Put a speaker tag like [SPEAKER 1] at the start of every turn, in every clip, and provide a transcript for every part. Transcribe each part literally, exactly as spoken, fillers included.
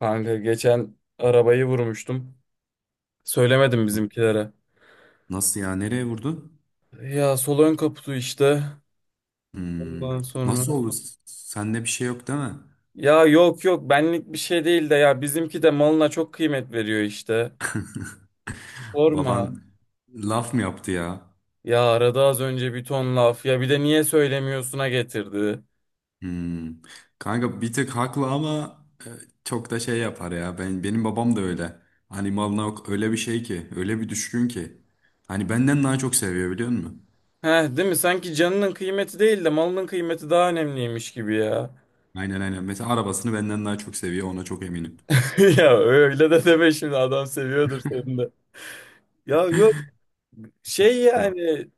[SPEAKER 1] Kanka geçen arabayı vurmuştum. Söylemedim bizimkilere.
[SPEAKER 2] Nasıl ya? Nereye vurdu?
[SPEAKER 1] Ya sol ön kaputu işte.
[SPEAKER 2] Hmm.
[SPEAKER 1] Ondan
[SPEAKER 2] Nasıl
[SPEAKER 1] sonra.
[SPEAKER 2] oldu? Sende bir şey yok değil mi?
[SPEAKER 1] Ya yok yok benlik bir şey değil de ya bizimki de malına çok kıymet veriyor işte. Sorma.
[SPEAKER 2] Baban laf mı yaptı ya?
[SPEAKER 1] Ya arada az önce bir ton laf ya bir de niye söylemiyorsuna getirdi.
[SPEAKER 2] Hmm. Kanka bir tık haklı ama e, çok da şey yapar ya. Ben benim babam da öyle. Hani malına ok- öyle bir şey ki, öyle bir düşkün ki. Hani benden daha çok seviyor, biliyor musun?
[SPEAKER 1] Heh, değil mi? Sanki canının kıymeti değil de malının kıymeti daha önemliymiş gibi ya.
[SPEAKER 2] Aynen, aynen. Mesela arabasını benden daha çok seviyor, ona çok eminim.
[SPEAKER 1] Ya öyle de deme şimdi, adam seviyordur seni de. Ya yok, şey
[SPEAKER 2] Ya.
[SPEAKER 1] yani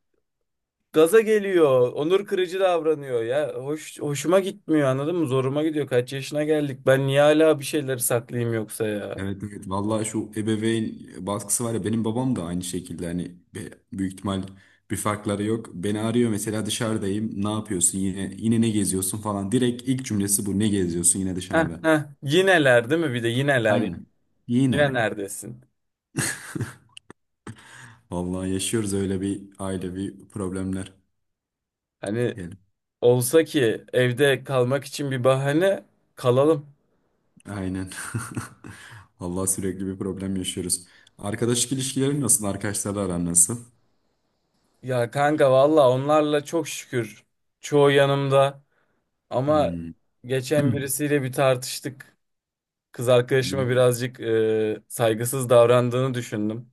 [SPEAKER 1] gaza geliyor. Onur kırıcı davranıyor ya. Hoş, hoşuma gitmiyor, anladın mı? Zoruma gidiyor. Kaç yaşına geldik. Ben niye hala bir şeyleri saklayayım yoksa ya?
[SPEAKER 2] Evet, evet, vallahi şu ebeveyn baskısı var ya, benim babam da aynı şekilde, hani be- büyük ihtimal bir farkları yok. Beni arıyor mesela, dışarıdayım, ne yapıyorsun, yine yine ne geziyorsun falan, direkt ilk cümlesi bu: ne geziyorsun yine
[SPEAKER 1] Heh,
[SPEAKER 2] dışarıda.
[SPEAKER 1] heh. Yineler değil mi? Bir de yineler ya.
[SPEAKER 2] Aynen,
[SPEAKER 1] Yine
[SPEAKER 2] yine
[SPEAKER 1] neredesin?
[SPEAKER 2] vallahi yaşıyoruz öyle bir ailevi problemler,
[SPEAKER 1] Hani
[SPEAKER 2] diyelim.
[SPEAKER 1] olsa ki evde kalmak için bir bahane, kalalım.
[SPEAKER 2] Aynen vallahi sürekli bir problem yaşıyoruz. Arkadaşlık ilişkilerin nasıl, arkadaşlarla aran nasıl?
[SPEAKER 1] Ya kanka, valla onlarla çok şükür. Çoğu yanımda. Ama
[SPEAKER 2] Hmm.
[SPEAKER 1] geçen birisiyle bir tartıştık. Kız arkadaşıma birazcık e, saygısız davrandığını düşündüm.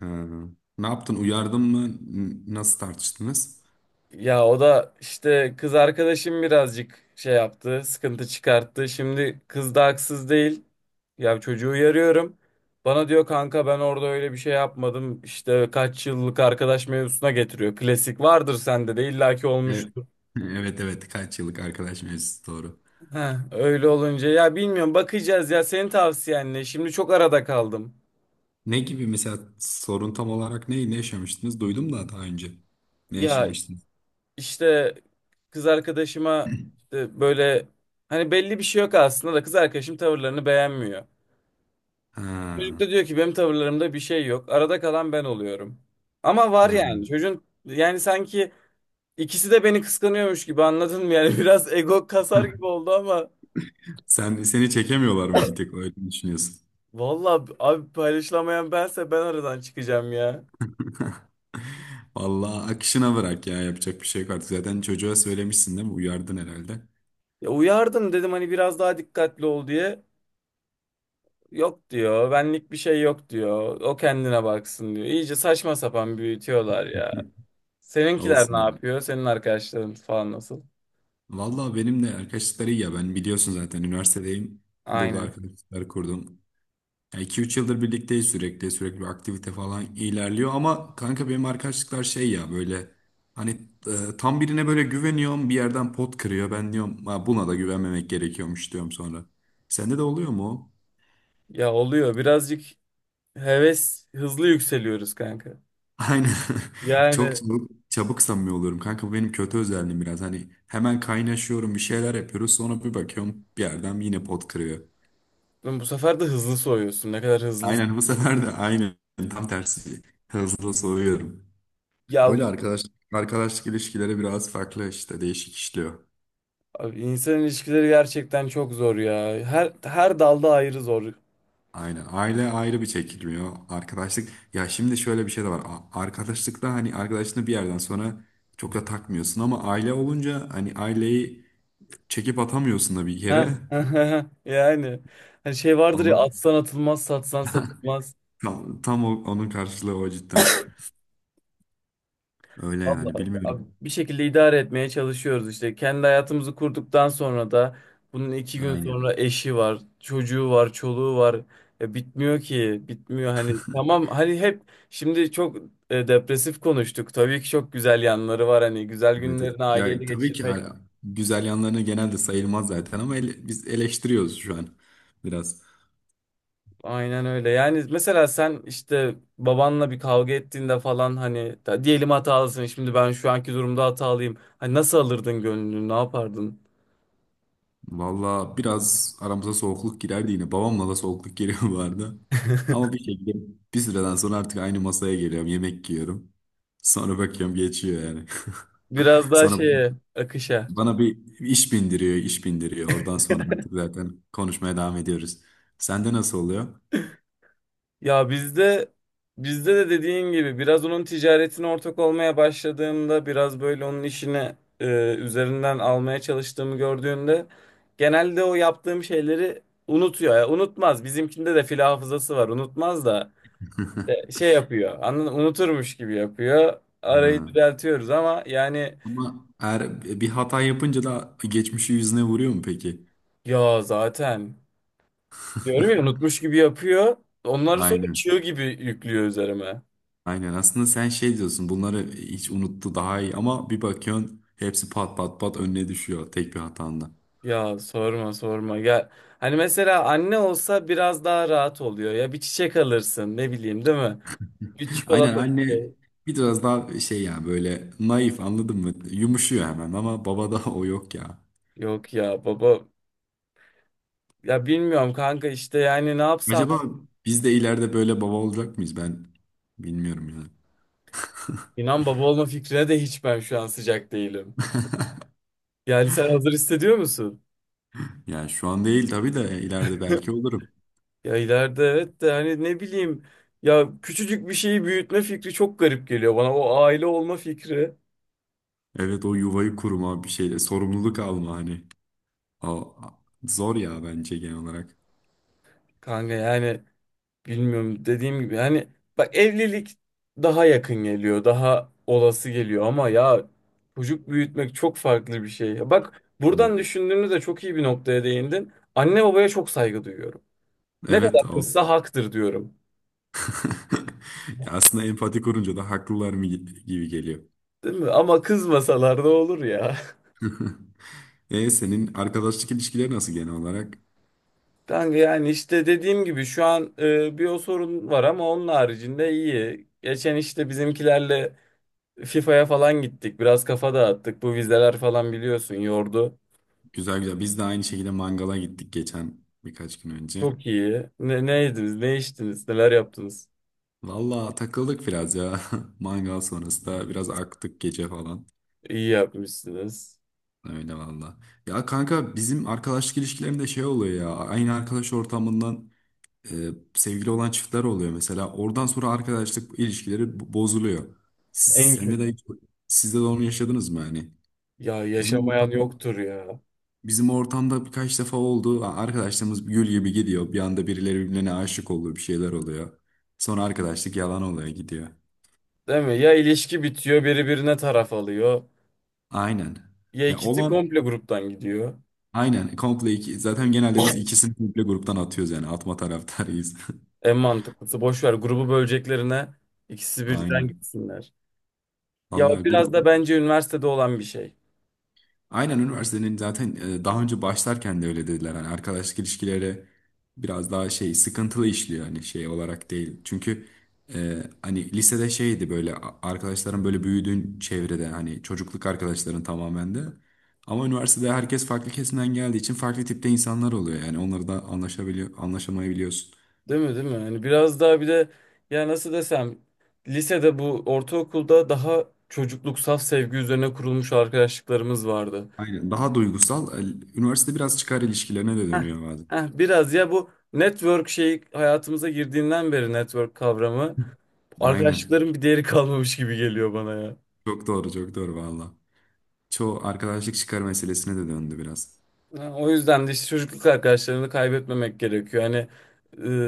[SPEAKER 2] Ha. Ne yaptın? Uyardın mı? N- Nasıl tartıştınız?
[SPEAKER 1] Ya o da işte, kız arkadaşım birazcık şey yaptı, sıkıntı çıkarttı. Şimdi kız da haksız değil. Ya çocuğu uyarıyorum. Bana diyor kanka, ben orada öyle bir şey yapmadım. İşte kaç yıllık arkadaş mevzusuna getiriyor. Klasik, vardır sende de illaki
[SPEAKER 2] Evet.
[SPEAKER 1] olmuştur.
[SPEAKER 2] Evet, evet, kaç yıllık arkadaş mevzusu doğru.
[SPEAKER 1] Heh, öyle olunca ya bilmiyorum, bakacağız ya senin tavsiyenle. Şimdi çok arada kaldım.
[SPEAKER 2] Ne gibi mesela, sorun tam olarak ne, ne yaşamıştınız? Duydum da daha önce. Ne
[SPEAKER 1] Ya
[SPEAKER 2] yaşamıştınız?
[SPEAKER 1] işte, kız arkadaşıma işte böyle, hani belli bir şey yok aslında da kız arkadaşım tavırlarını beğenmiyor. Çocuk
[SPEAKER 2] Ha,
[SPEAKER 1] da diyor ki benim tavırlarımda bir şey yok. Arada kalan ben oluyorum. Ama var
[SPEAKER 2] ha.
[SPEAKER 1] yani. Çocuğun yani sanki ikisi de beni kıskanıyormuş gibi, anladın mı? Yani biraz ego kasar gibi oldu ama
[SPEAKER 2] Sen, seni çekemiyorlar mı bir tek, öyle mi düşünüyorsun?
[SPEAKER 1] valla abi, paylaşılamayan bense, ben aradan çıkacağım ya.
[SPEAKER 2] Vallahi akışına bırak ya, yapacak bir şey yok artık. Zaten çocuğa söylemişsin değil mi? Uyardın herhalde.
[SPEAKER 1] Ya uyardım, dedim hani biraz daha dikkatli ol diye. Yok diyor. Benlik bir şey yok diyor. O kendine baksın diyor. İyice saçma sapan büyütüyorlar ya. Seninkiler ne
[SPEAKER 2] Olsun.
[SPEAKER 1] yapıyor? Senin arkadaşların falan nasıl?
[SPEAKER 2] Vallahi benimle arkadaşlıkları iyi ya. Ben biliyorsun zaten üniversitedeyim. Burada
[SPEAKER 1] Aynen.
[SPEAKER 2] arkadaşlıklar kurdum. Ya iki üç yıldır birlikteyiz sürekli. Sürekli bir aktivite falan ilerliyor. Ama kanka benim arkadaşlıklar şey ya, böyle hani e, tam birine böyle güveniyorum, bir yerden pot kırıyor. Ben diyorum ha, buna da güvenmemek gerekiyormuş, diyorum sonra. Sende de oluyor mu o?
[SPEAKER 1] Ya oluyor birazcık, heves hızlı yükseliyoruz kanka.
[SPEAKER 2] Aynen. Çok
[SPEAKER 1] Yani
[SPEAKER 2] çabuk, çabuk samimi oluyorum. Kanka bu benim kötü özelliğim biraz. Hani hemen kaynaşıyorum, bir şeyler yapıyoruz. Sonra bir bakıyorum, bir yerden yine pot kırıyor.
[SPEAKER 1] bu sefer de hızlı soğuyorsun. Ne kadar hızlı.
[SPEAKER 2] Aynen, bu sefer de aynen tam tersi, hızlı soğuyorum.
[SPEAKER 1] Ya
[SPEAKER 2] Öyle
[SPEAKER 1] bu-
[SPEAKER 2] arkadaş arkadaşlık ilişkileri biraz farklı işte, değişik işliyor.
[SPEAKER 1] Abi, insan ilişkileri gerçekten çok zor ya. Her her dalda ayrı zor.
[SPEAKER 2] Aynen, aile ayrı bir çekilmiyor. Arkadaşlık ya, şimdi şöyle bir şey de var. A- Arkadaşlıkta hani arkadaşını bir yerden sonra çok da takmıyorsun, ama aile olunca hani aileyi çekip atamıyorsun da bir yere.
[SPEAKER 1] Ha, yani hani şey vardır ya,
[SPEAKER 2] Onu
[SPEAKER 1] atsan atılmaz, satsan satılmaz.
[SPEAKER 2] tam, tam o- onun karşılığı o, cidden. Öyle yani,
[SPEAKER 1] Vallahi abi,
[SPEAKER 2] bilmiyorum.
[SPEAKER 1] bir şekilde idare etmeye çalışıyoruz işte. Kendi hayatımızı kurduktan sonra da bunun iki gün
[SPEAKER 2] Aynen.
[SPEAKER 1] sonra eşi var, çocuğu var, çoluğu var. Ya bitmiyor ki, bitmiyor hani. Tamam hani, hep şimdi çok e, depresif konuştuk. Tabii ki çok güzel yanları var, hani güzel
[SPEAKER 2] Evet, evet.
[SPEAKER 1] günlerini aileyle
[SPEAKER 2] Ya tabii ki
[SPEAKER 1] geçirmek.
[SPEAKER 2] hala güzel yanlarını genelde sayılmaz zaten, ama ele- biz eleştiriyoruz şu an biraz.
[SPEAKER 1] Aynen öyle. Yani mesela sen işte babanla bir kavga ettiğinde falan hani, da- diyelim hatalısın. Şimdi ben şu anki durumda hatalıyım. Hani nasıl alırdın gönlünü, ne yapardın?
[SPEAKER 2] Valla biraz aramıza soğukluk girerdi yine. Babamla da soğukluk geliyor bu arada. Ama bir şekilde bir süreden sonra artık aynı masaya geliyorum, yemek yiyorum. Sonra bakıyorum, geçiyor yani.
[SPEAKER 1] Biraz daha
[SPEAKER 2] Sonra
[SPEAKER 1] şeye, akışa.
[SPEAKER 2] bana bir iş bindiriyor, iş bindiriyor. Oradan sonra artık zaten konuşmaya devam ediyoruz. Sende nasıl oluyor?
[SPEAKER 1] Ya bizde Bizde de dediğin gibi biraz onun ticaretine ortak olmaya başladığımda, biraz böyle onun işini e, üzerinden almaya çalıştığımı gördüğünde genelde o yaptığım şeyleri unutuyor. Ya unutmaz. Bizimkinde de fil hafızası var. Unutmaz da e, şey yapıyor. Anladın, unuturmuş gibi yapıyor. Arayı
[SPEAKER 2] Hı.
[SPEAKER 1] düzeltiyoruz ama yani,
[SPEAKER 2] Ama eğer bir hata yapınca da geçmişi yüzüne vuruyor mu peki?
[SPEAKER 1] ya zaten diyorum ya, unutmuş gibi yapıyor. Onları sonra
[SPEAKER 2] Aynen.
[SPEAKER 1] çığ gibi yüklüyor üzerime.
[SPEAKER 2] Aynen. Aslında sen şey diyorsun, bunları hiç unuttu daha iyi, ama bir bakıyorsun hepsi pat pat pat önüne düşüyor tek bir hatanda.
[SPEAKER 1] Ya sorma sorma ya hani mesela anne olsa biraz daha rahat oluyor ya, bir çiçek alırsın ne bileyim, değil mi? Bir
[SPEAKER 2] Aynen,
[SPEAKER 1] çikolata, bir
[SPEAKER 2] anne
[SPEAKER 1] şey.
[SPEAKER 2] biraz daha şey ya, böyle naif, anladın mı? Yumuşuyor hemen, ama babada o yok ya.
[SPEAKER 1] Yok ya, baba ya bilmiyorum kanka, işte yani ne yapsam,
[SPEAKER 2] Acaba biz de ileride böyle baba olacak mıyız? Ben bilmiyorum ya.
[SPEAKER 1] inan baba olma fikrine de hiç ben şu an sıcak değilim. Yani sen hazır hissediyor musun?
[SPEAKER 2] Yani şu an değil tabii de, ileride belki olurum.
[SPEAKER 1] Ya ileride evet de hani ne bileyim, ya küçücük bir şeyi büyütme fikri çok garip geliyor bana, o aile olma fikri.
[SPEAKER 2] Evet, o yuvayı kurma bir şeyle sorumluluk alma hani. O zor ya, bence genel olarak.
[SPEAKER 1] Kanka yani bilmiyorum, dediğim gibi hani, bak evlilik daha yakın geliyor, daha olası geliyor ama ya çocuk büyütmek çok farklı bir şey. Bak buradan
[SPEAKER 2] Evet.
[SPEAKER 1] düşündüğümüzde çok iyi bir noktaya değindin. Anne babaya çok saygı duyuyorum. Ne kadar
[SPEAKER 2] Evet, o.
[SPEAKER 1] kızsa haktır diyorum.
[SPEAKER 2] Ya aslında empati kurunca da haklılar mı gi- gibi geliyor.
[SPEAKER 1] Değil mi? Ama kızmasalar da olur ya.
[SPEAKER 2] E senin arkadaşlık ilişkileri nasıl genel olarak?
[SPEAKER 1] Kanka yani işte dediğim gibi, şu an e, bir o sorun var ama onun haricinde iyi. Geçen işte bizimkilerle FIFA'ya falan gittik. Biraz kafa dağıttık. Bu vizeler falan biliyorsun yordu.
[SPEAKER 2] Güzel, güzel. Biz de aynı şekilde mangala gittik geçen, birkaç gün önce.
[SPEAKER 1] Çok iyi. Ne, ne yediniz, ne içtiniz, neler yaptınız?
[SPEAKER 2] Valla takıldık biraz ya. Mangal sonrası da biraz aktık gece falan.
[SPEAKER 1] İyi yapmışsınız.
[SPEAKER 2] Öyle valla. Ya kanka bizim arkadaşlık ilişkilerinde şey oluyor ya. Aynı arkadaş ortamından e, sevgili olan çiftler oluyor mesela. Oradan sonra arkadaşlık ilişkileri bo- bozuluyor. Siz,
[SPEAKER 1] En
[SPEAKER 2] sende
[SPEAKER 1] kötü.
[SPEAKER 2] de, sizde de onu yaşadınız mı yani?
[SPEAKER 1] Ya
[SPEAKER 2] Bizim
[SPEAKER 1] yaşamayan
[SPEAKER 2] ortam,
[SPEAKER 1] yoktur ya.
[SPEAKER 2] bizim ortamda birkaç defa oldu. Arkadaşlarımız gül gibi gidiyor. Bir anda birileri birbirine aşık oluyor, bir şeyler oluyor. Sonra arkadaşlık yalan oluyor, gidiyor.
[SPEAKER 1] Değil mi? Ya ilişki bitiyor, biri birine taraf alıyor.
[SPEAKER 2] Aynen.
[SPEAKER 1] Ya
[SPEAKER 2] Ya
[SPEAKER 1] ikisi
[SPEAKER 2] olan
[SPEAKER 1] komple gruptan gidiyor.
[SPEAKER 2] aynen komple iki, zaten genelde biz ikisini komple gruptan atıyoruz, yani atma taraftarıyız.
[SPEAKER 1] En mantıklısı, boş ver grubu böleceklerine, ikisi birden
[SPEAKER 2] Aynen.
[SPEAKER 1] gitsinler. Ya o
[SPEAKER 2] Vallahi
[SPEAKER 1] biraz
[SPEAKER 2] grup.
[SPEAKER 1] da bence üniversitede olan bir şey.
[SPEAKER 2] Aynen üniversitenin zaten e, daha önce başlarken de öyle dediler. Hani arkadaşlık ilişkileri biraz daha şey sıkıntılı işliyor, hani şey olarak değil. Çünkü e, hani lisede şeydi böyle, a- arkadaşların böyle büyüdüğün çevrede hani çocukluk arkadaşların tamamen de. Ama üniversitede herkes farklı kesimden geldiği için farklı tipte insanlar oluyor. Yani onları da anlaşabiliyor, anlaşamayabiliyorsun.
[SPEAKER 1] Değil mi, değil mi? Hani biraz daha bir de, ya nasıl desem, lisede, bu ortaokulda daha çocukluk, saf sevgi üzerine kurulmuş arkadaşlıklarımız vardı.
[SPEAKER 2] Aynen, daha duygusal. e, Üniversite biraz çıkar ilişkilerine de
[SPEAKER 1] Heh,
[SPEAKER 2] dönüyor bazen.
[SPEAKER 1] heh, biraz ya, bu network şeyi hayatımıza girdiğinden beri network kavramı,
[SPEAKER 2] Aynen.
[SPEAKER 1] arkadaşlıkların bir değeri kalmamış gibi geliyor bana ya.
[SPEAKER 2] Çok doğru, çok doğru valla. Çoğu arkadaşlık çıkar meselesine de döndü biraz.
[SPEAKER 1] Ha, o yüzden de işte çocukluk arkadaşlarını kaybetmemek gerekiyor. Hani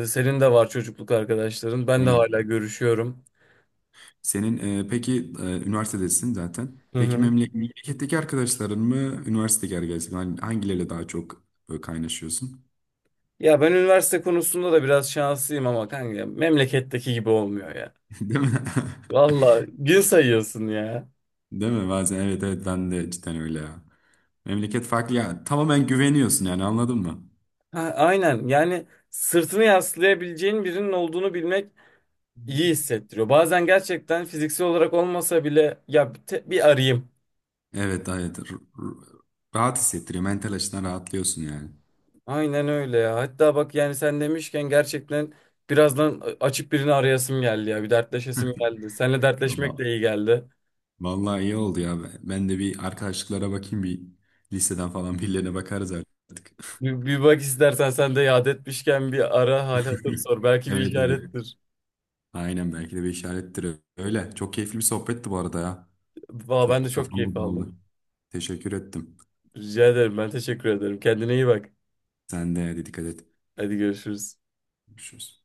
[SPEAKER 1] e, senin de var çocukluk arkadaşların. Ben de hala
[SPEAKER 2] Aynen.
[SPEAKER 1] görüşüyorum.
[SPEAKER 2] Senin e, peki, e, üniversitedesin zaten.
[SPEAKER 1] Hı
[SPEAKER 2] Peki
[SPEAKER 1] hı.
[SPEAKER 2] memle- memleketteki arkadaşların mı, üniversitedeki arkadaşların, hani hangileriyle daha çok böyle kaynaşıyorsun?
[SPEAKER 1] Ya ben üniversite konusunda da biraz şanslıyım ama kanka, memleketteki gibi olmuyor ya.
[SPEAKER 2] Değil mi?
[SPEAKER 1] Valla gün sayıyorsun ya.
[SPEAKER 2] Değil mi? Bazen, evet, evet, ben de cidden öyle ya. Memleket farklı ya. Tamamen güveniyorsun yani, anladın mı?
[SPEAKER 1] Ha, aynen, yani sırtını yaslayabileceğin birinin olduğunu bilmek iyi hissettiriyor. Bazen gerçekten fiziksel olarak olmasa bile ya, bir, te- bir arayayım.
[SPEAKER 2] Evet, evet. R- r- rahat hissettiriyor. Mental açıdan rahatlıyorsun yani.
[SPEAKER 1] Aynen öyle ya. Hatta bak yani sen demişken, gerçekten birazdan a- açıp birini arayasım geldi ya. Bir dertleşesim geldi. Seninle dertleşmek de iyi geldi.
[SPEAKER 2] Vallahi iyi oldu ya. Ben de bir arkadaşlıklara bakayım, bir listeden falan birilerine bakarız artık.
[SPEAKER 1] Bir, bir bak istersen, sen de yad etmişken bir ara hal hatır sor. Belki bir
[SPEAKER 2] Evet, evet.
[SPEAKER 1] işarettir.
[SPEAKER 2] Aynen, belki de bir işarettir öyle. Çok keyifli bir sohbetti bu arada ya.
[SPEAKER 1] Valla ben de
[SPEAKER 2] Çok
[SPEAKER 1] çok
[SPEAKER 2] kafam
[SPEAKER 1] keyif
[SPEAKER 2] da.
[SPEAKER 1] aldım.
[SPEAKER 2] Teşekkür ettim.
[SPEAKER 1] Rica ederim. Ben teşekkür ederim. Kendine iyi bak.
[SPEAKER 2] Sen de hadi, dikkat et.
[SPEAKER 1] Hadi görüşürüz.
[SPEAKER 2] Görüşürüz.